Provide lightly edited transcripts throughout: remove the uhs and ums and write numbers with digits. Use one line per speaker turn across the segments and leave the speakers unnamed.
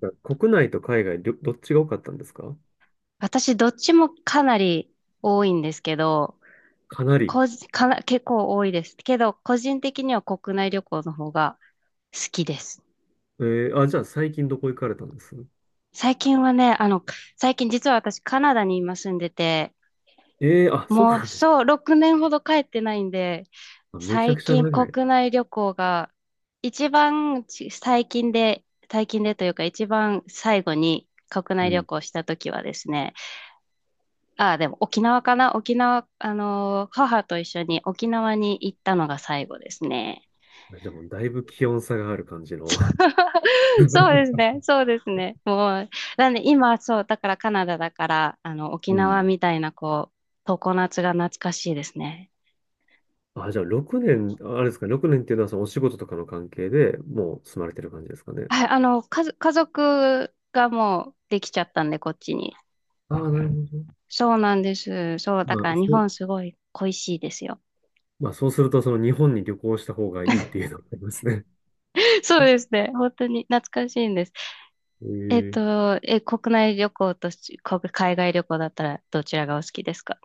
なんか国内と海外、どっちが多かったんですか？
私、どっちもかなり多いんですけど、
かなり。
個人かな、結構多いです。けど、個人的には国内旅行の方が好きです。
えあ、じゃあ最近どこ行かれたんです？
最近はね、最近実は私カナダに今住んでて、
あ、そう
もう
なんです。
そう、6年ほど帰ってないんで、
あ、めちゃ
最
くちゃ
近
長い。
国内旅行が一番ち最近で、最近でというか一番最後に国
う
内旅
ん。
行した時はですね、ああ、でも沖縄、母と一緒に沖縄に行ったのが最後ですね。
あ、じゃあもうだいぶ気温差がある感じの。
そうです ね、そうですね。もう、なんで今、そう、だからカナダだから、沖
う
縄
ん。
みたいな、こう、常夏が懐かしいですね。
あ、じゃあ6年、あ、あれですか、6年っていうのはそのお仕事とかの関係でもう住まれてる感じですかね。
はい、家族がもうできちゃったんで、こっちに。
ああ、なるほど。
そうなんです。そう、だ
ま
か
あ、
ら日
そう、
本すごい恋しいですよ。
まあそうするとその日本に旅行した方がいいっていうのがありますね。
そうですね、本当に懐かしいんです。
ええ。
国内旅行とし国海外旅行だったらどちらがお好きですか？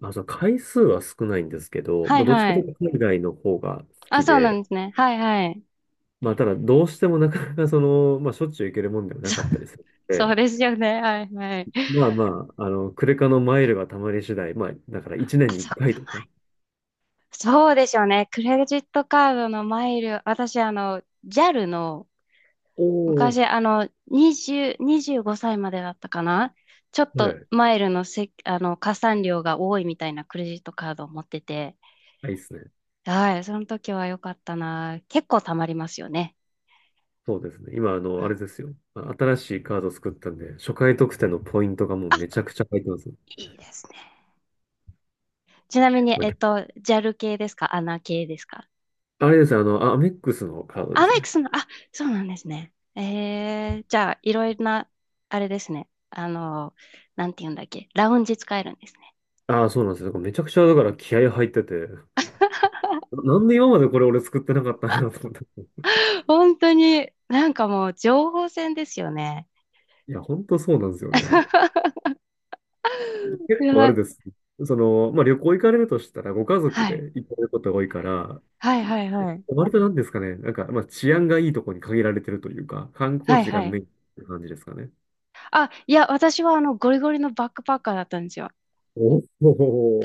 あ、そう、回数は少ないんですけど、
は
ま
い
あどっちか
は
とい
い。
うと海外の方が好
あ、
き
そうな
で、
んですね。はいはい。
まあ、ただ、どうしてもなかなかその、まあ、しょっちゅう行けるもんではなかったりするの
そ
で、
うですよね。はいはい。
まあまあ、あの、クレカのマイルがたまり次第、まあ、だから1
あ、
年に
そ
1
っ
回
か。
と
ま
か。
あそうでしょうね。クレジットカードのマイル、私、あの、JAL の、
おお。
昔、あの、20、25歳までだったかな。ちょっ
は
と
い。
マイルのせ、あの、加算量が多いみたいなクレジットカードを持ってて、
あ、いいっすね。
はい、その時は良かったな。結構貯まりますよね。
そうですね。今、あ
う
の、
ん
あれ
あ、
ですよ。あ、新しいカード作ったんで、初回特典のポイントがもうめちゃくちゃ入ってます。
いいですね。ちなみに、
まあ、
えっと、JAL 系ですかアナ系ですか？
あれですよ、あの、あ、アメックスのカードで
あ、
す
メイ
ね。
クすんの、あ、そうなんですね。えー、じゃあ、いろいろな、あれですね。あの、なんて言うんだっけ。ラウンジ使えるんですね。
ああ、そうなんですよ。だからめちゃくちゃ、だから気合入ってて、なんで今までこれ俺作ってなかったんやろうと思って。
本当に、なんかもう、情報戦ですよね。
いや、ほんとそうなんですよね。結
や
構あ
ば
れ
い。
です。その、まあ、旅行行かれるとしたら、ご家族
はい。
で行かれることが多いから、
はいはいはい。
割となんですかね、なんか、まあ、治安がいいところに限られてるというか、観
は
光
い
地が
は
メ
い。
インって感じですかね。
あ、いや、私はあの、ゴリゴリのバックパッカーだったんですよ。
お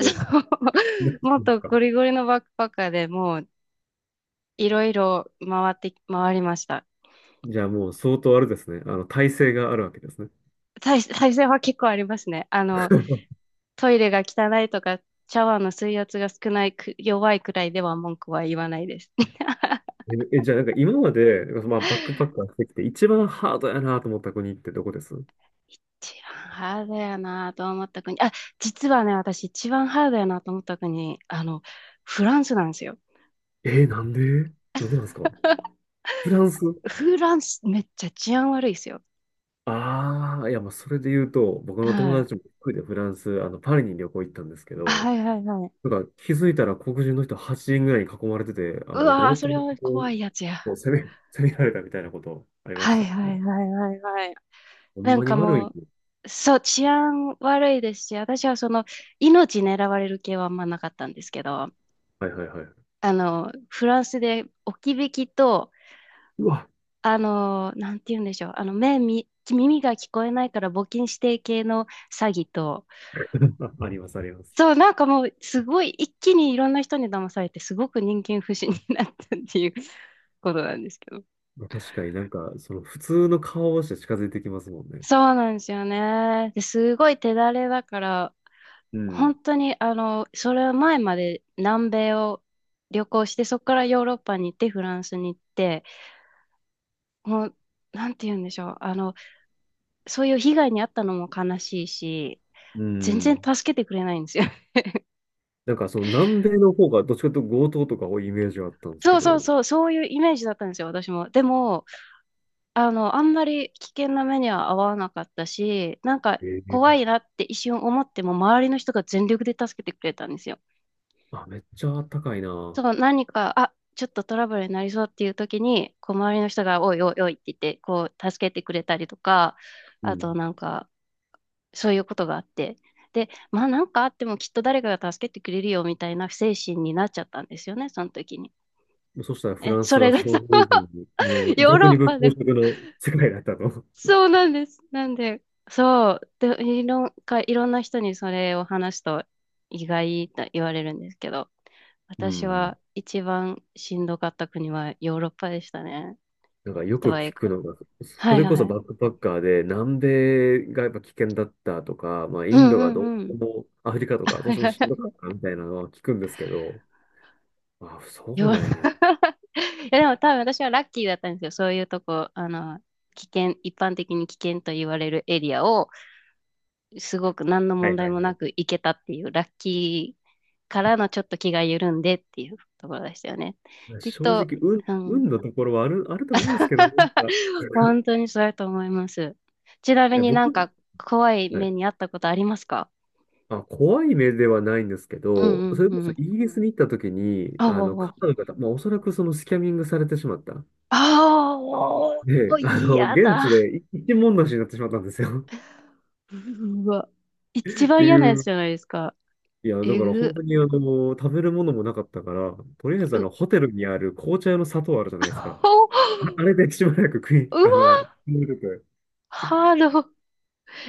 そう。
なんで
もっ
す
と
か。
ゴリゴリのバックパッカーでもう、いろいろ回って、回りました。
じゃあもう相当あれですね。あの、体制があるわけですね。
再生は結構ありますね。あの、トイレが汚いとか、シャワーの水圧が少ないく、弱いくらいでは文句は言わないです。
え、じゃあなんか今まで、まあ、バックパッカーしてきて、一番ハードやなと思った国ってどこです？
一番ハードやなと思った国。あ、実はね、私一番ハードやなと思った国、あの、フランスなんですよ。
なんで？なんでなんですか？ フランス？
フランスめっちゃ治安悪いですよ。
ああ、いや、まあ、それで言うと、僕の友
はい。
達も一人でフランス、あの、パリに旅行行ったんですけど、
はいはいはい。
なんか気づいたら黒人の人8人ぐらいに囲まれてて、あ
う
の、
わー、
強
そ
盗
れ
を
は怖いやつや。
こう攻められたみたいなことありま
は
し
い
た
は
ね。
いはいはいはい。
ほん
なん
まに
か
悪
も
い。
う、そう、治安悪いですし、私はその、命狙われる系はあんまなかったんですけど、
はいはいはい。
あの、フランスで置き引きと、
うわ、
あの、なんて言うんでしょう、耳が聞こえないから募金指定系の詐欺と、
あ、ありますありま
そ
す。
う、なんかもう、すごい一気にいろんな人に騙されて、すごく人間不信になったっていうことなんですけど。
まあ、確かになんか、その普通の顔をして近づいてきますもんね。
そうなんですよね。ですごい手だれだから、
うん。
本当に、あの、それ前まで南米を旅行して、そこからヨーロッパに行って、フランスに行って、もう、なんて言うんでしょう。あの、そういう被害に遭ったのも悲しいし、
う
全然
ん。
助けてくれないんですよ。
なんかその南米の方がどっちかというと強盗とか多いイメージがあったんです
そ
け
う
ど、
そうそう、そういうイメージだったんですよ、私も。でも、あの、あんまり危険な目には遭わなかったし、なんか
え
怖
え、
いなって一瞬思っても、周りの人が全力で助けてくれたんですよ。
あ、めっちゃあったかいな。
そう、何か、あ、ちょっとトラブルになりそうっていう時に、こう、周りの人が、おいおいおいって言って、こう、助けてくれたりとか、
う
あ
ん。
となんか、そういうことがあって、で、まあなんかあってもきっと誰かが助けてくれるよみたいな精神になっちゃったんですよね、その時に。
そしたらフ
え、
ラン
そ
ス
れ
は
が
想
さ、
像以上に、あの、
ヨー
弱
ロッ
肉
パ
強
で、
食の世界だったと。
そうなんです。なんで、そう、で、いろんな人にそれを話すと意外と言われるんですけど、
う
私
ん。
は一番しんどかった国はヨーロッパでしたね。
なんかよ
と
く
はい
聞
う
く
か。
のが、
は
そ
い
れこ
は
そバ
い。
ックパッカーで南米がやっぱ危険だったとか、まあ
う
イン
ん
ド
う
がどう
んうん。
しても、アフリカとかどう
は
し
い
ても
はい
し
は
んどかっ
い。
たみたいなのは聞くんですけど、あ、そう
よ
なんや。
いやでも多分私はラッキーだったんですよ。そういうとこ、一般的に危険と言われるエリアを、すごく何の
は
問
いは
題
い
も
は
な
い。
く行けたっていう、ラッキーからのちょっと気が緩んでっていうところでしたよね。きっ
正
と、
直、
うん。
運のところはあると思うんですけどね。なんか、
本当にそうやと思います。ちな
い
み
や、
に
僕、
なんか怖い
は
目
い。
にあったことありますか？
あ、怖い目ではないんですけ
う
ど、そ
ん
れ
う
こ
んう
そ
ん。
イギリスに行った時に、
あ
あの、カ
あ
ナダの方、まあ、おそらくそのスキャミングされてしまった。
ああ、も
で、
う、
あの、
嫌
現
だ。
地で一文無しになってしまったんですよ。
うわ。一
って
番嫌なや
い
つ
う。
じゃないですか。
いや、だ
え
から本
ぐ、
当にあの、食べるものもなかったから、とりあえずあ
う、
の、ホテルにある紅茶用の砂糖あるじゃないです
あ
か。
お
あ、あ
う
れでしばらくあの、
わ、
飲んでて、
ハード。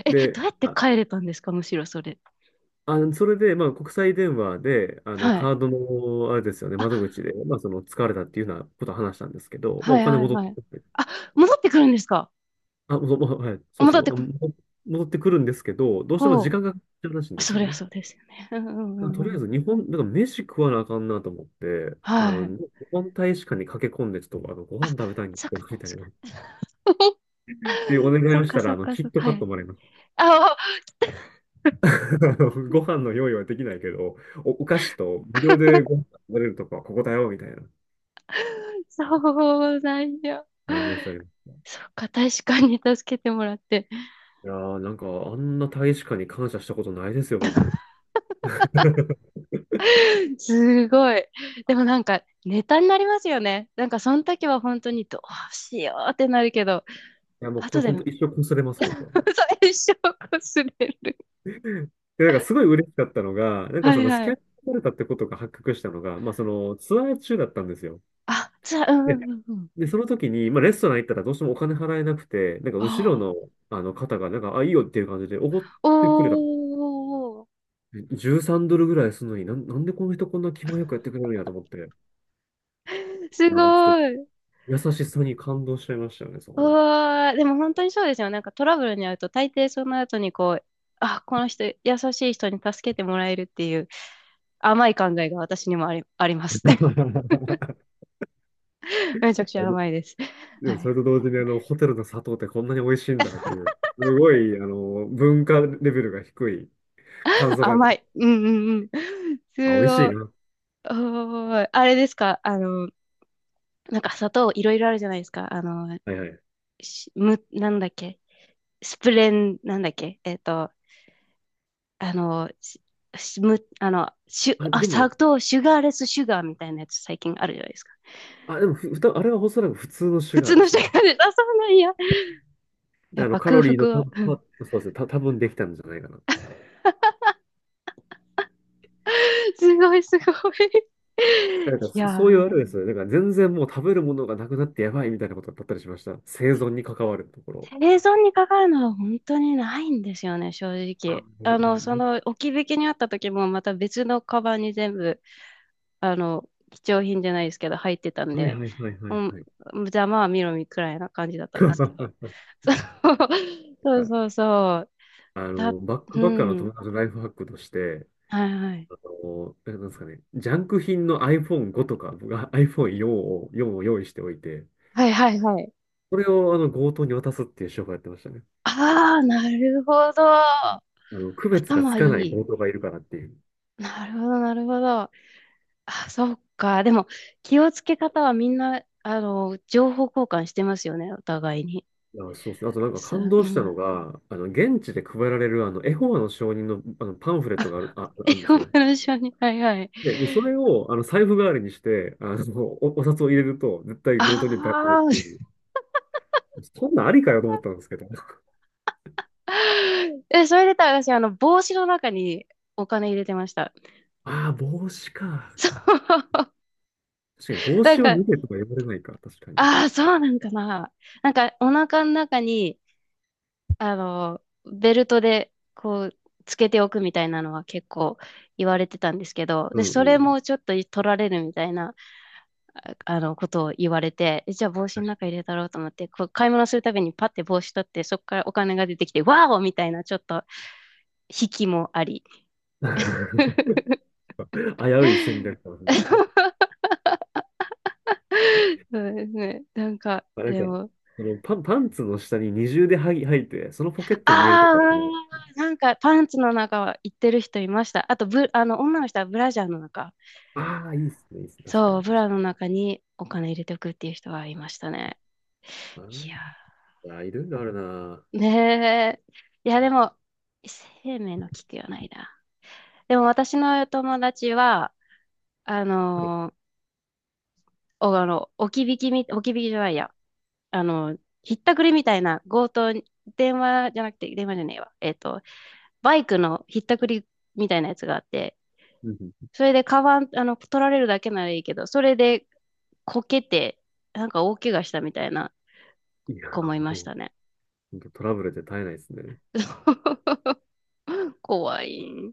え、
で、
どうやって
あ、
帰れたんですか、むしろそれ。
あの、それで、まあ、国際電話で、あの、
はい。
カードの、あれですよね、
あ、
窓口で、まあ、その、疲れたっていうようなことを話したんですけど、まあ、
は
お
い
金
はい
戻っ
は
て
い。
くる？
あ、戻ってくるんですか？
あ、もうもう、はい、そう
戻っ
そ
て
う、あ
こ、
のも戻ってくるんですけど、どうしても時
ほ
間がかかっちゃうらしいん
う。
です
そ
よ
りゃ
ね。
そうですよね。うんうんう
だから
ん
と
う
りあえ
ん。
ず日本、なんか飯食わなあかんなと思って、あ
は
の、
い。
日本大使館に駆け込んで、ちょっとあのご
あ、
飯食べたいんです
そっ
け
か、
ど、みたい
確
な。
か
っ
に。
ていうお願い
そっ
をし
か
た
そ
ら、あ
っ
の、
か
キ
そ
ッ
っ
ト
か。は
カット
い。
もらいました。
あ、お
あのご飯の用意はできないけど、お菓子と無料でご 飯食べれるとこはここだよ、みたいな。
そうなんや。
ありましたね。
そっか、確かに助けてもらって。
いやー、なんか、あんな大使館に感謝したことないですよ、僕。
すごい。でもなんか、ネタになりますよね。なんか、その時は本当にどうしようってなるけど、
いや、もうこ
後
れ
で、
本当一生こすれます、僕は。
最初こすれる。
で、なんかすごい嬉しかったのが、なんか
は
そ
い
のス
は
キャン
い。
されたってことが発覚したのが、まあそのツアー中だったんですよ。
あ、じゃあ、うん
で、
うんうん。
その時に、まあレストラン行ったらどうしてもお金払えなくて、なんか
あ
後ろ
あ。
のあの方が、なんか、あ、いいよっていう感じでおごってくれた。
おー。
13ドルぐらいするのになんでこの人こんな気前よくやってくれるんやと思って、
す
あ、ち
ご
ょっと
い。
優しさに感動しちゃいましたよね、そこ
う
の。
わー。でも本当にそうですよね。なんかトラブルに遭うと、大抵その後にこう、あ、この人、優しい人に助けてもらえるっていう甘い考えが私にもあり、あります。めち
で
ゃくちゃ甘いです。
で
は
もそ
い。
れと同時にあの、ホテルの砂糖ってこんなに美味しいんだっていう、すごい、あの、文化レベルが低い感想が、
甘い。うんうんうん。す
あ、美味し
ご
い
い。
な。
おーいあれですかあの、なんか砂糖いろいろあるじゃないですか。あの、
はいはい。
しむ、なんだっけスプレン、なんだっけえっと、あの、ししむ、あの、シュ、
あ、
あ、
で
砂
も、
糖、シュガーレスシュガーみたいなやつ最近あるじゃないですか。
あ、でも、ふ、ふた、あれはおそらく普通のシュ
普
ガー
通
で
の
す
シュ
ね。
ガーレス、あ、そうなんや。
で、
やっ
あの、
ぱ
カ
空
ロリーの
腹は。うん
そうですね、多分できたんじゃないかな。
すごいすごい。い
なんか、
や
そういうあれ
ー
ですよね。なんか、全然もう食べるものがなくなってやばいみたいなことだったりしました。生存に関わるところ。
生存にかかるのは本当にないんですよね、正
あ、
直。
いや
あ
な
の、そ
な
の置き引きにあった時もまた別のカバンに全部、あの、貴重品じゃないですけど入ってたん
はいは
で、
いはいは
う
い
ん、
はい。
じゃあまあ見ろみくらいな感じだったんですけど。そうそうそうそう。
あ
だ、
の、バック
う
パッカーの友
ん。
達のライフハックとして、
はいはい。
あの、なんですかね、ジャンク品の iPhone5 とか、僕は iPhone4 を、4を用意しておいて、
はいはいはい。
それをあの強盗に渡すっていう手法やってましたね。
ああ、なるほど。
あの、区別がつ
頭い
かない
い。
強盗がいるからっていう。
なるほど、なるほど。あ、そうか。でも、気をつけ方はみんな、あの、情報交換してますよね、お互いに。
あ、そうですね。あとなんか
そ
感
う、う
動したの
ん。
が、あの、現地で配られるあの、エホバの証人の、あのパンフレットがある、あ、
英
あるんです
語
よ。
の一緒に。はいはい。
で、それをあの財布代わりにして、あの、お札を入れると、絶対
あ
強盗にバレないって
あ。
いう。そんなんありかよと思ったんですけど。
え、それで言ったら私、あの、帽子の中にお金入れてました。
ああ、帽子 か。
そう。
確かに 帽
なん
子を
か、
脱げとか言われないか。確かに。
ああ、そうなんかな。なんか、お腹の中に、あの、ベルトで、こう、つけておくみたいなのは結構言われてたんですけど、
う
で、
んう
それ
ん。
もちょっと取られるみたいな。あの、ことを言われて、えじゃあ帽子の中
確
入れたろうと思って、こう買い物するたびにパッて帽子取って、そこからお金が出てきて、ワーオみたいな、ちょっと、引きもあり。
かに 危うい戦略かもしれないですね。
そうですね。なんか、
あ、なん
で
か、
も、
そのパンツの下に二重で履いて、そのポケットに入れると
あ
かね。
あ、なんかパンツの中は行ってる人いました。あとブ、あの、女の人はブラジャーの中。
ああ、いいっすね、いいっすね。確か
そう、
に、
ブ
確
ラの中にお金入れておくっていう人はいましたね。
か
いや、
に。いや、いろいろあるな。
ねえ。いや、でも、生命の危機はないな。でも私の友達は、あ
はい。
のーお、あの、置き引きみ、置き引きじゃないや。あの、ひったくりみたいな強盗に、電話じゃなくて、電話じゃねえわ。えっと、バイクのひったくりみたいなやつがあって、
うんうん、
それでカバン、あの、取られるだけならいいけど、それでこけて、なんか大怪我したみたいな
いや、
子もいまし
もう、
たね。
ほんとトラブルで絶えないですね。
怖い。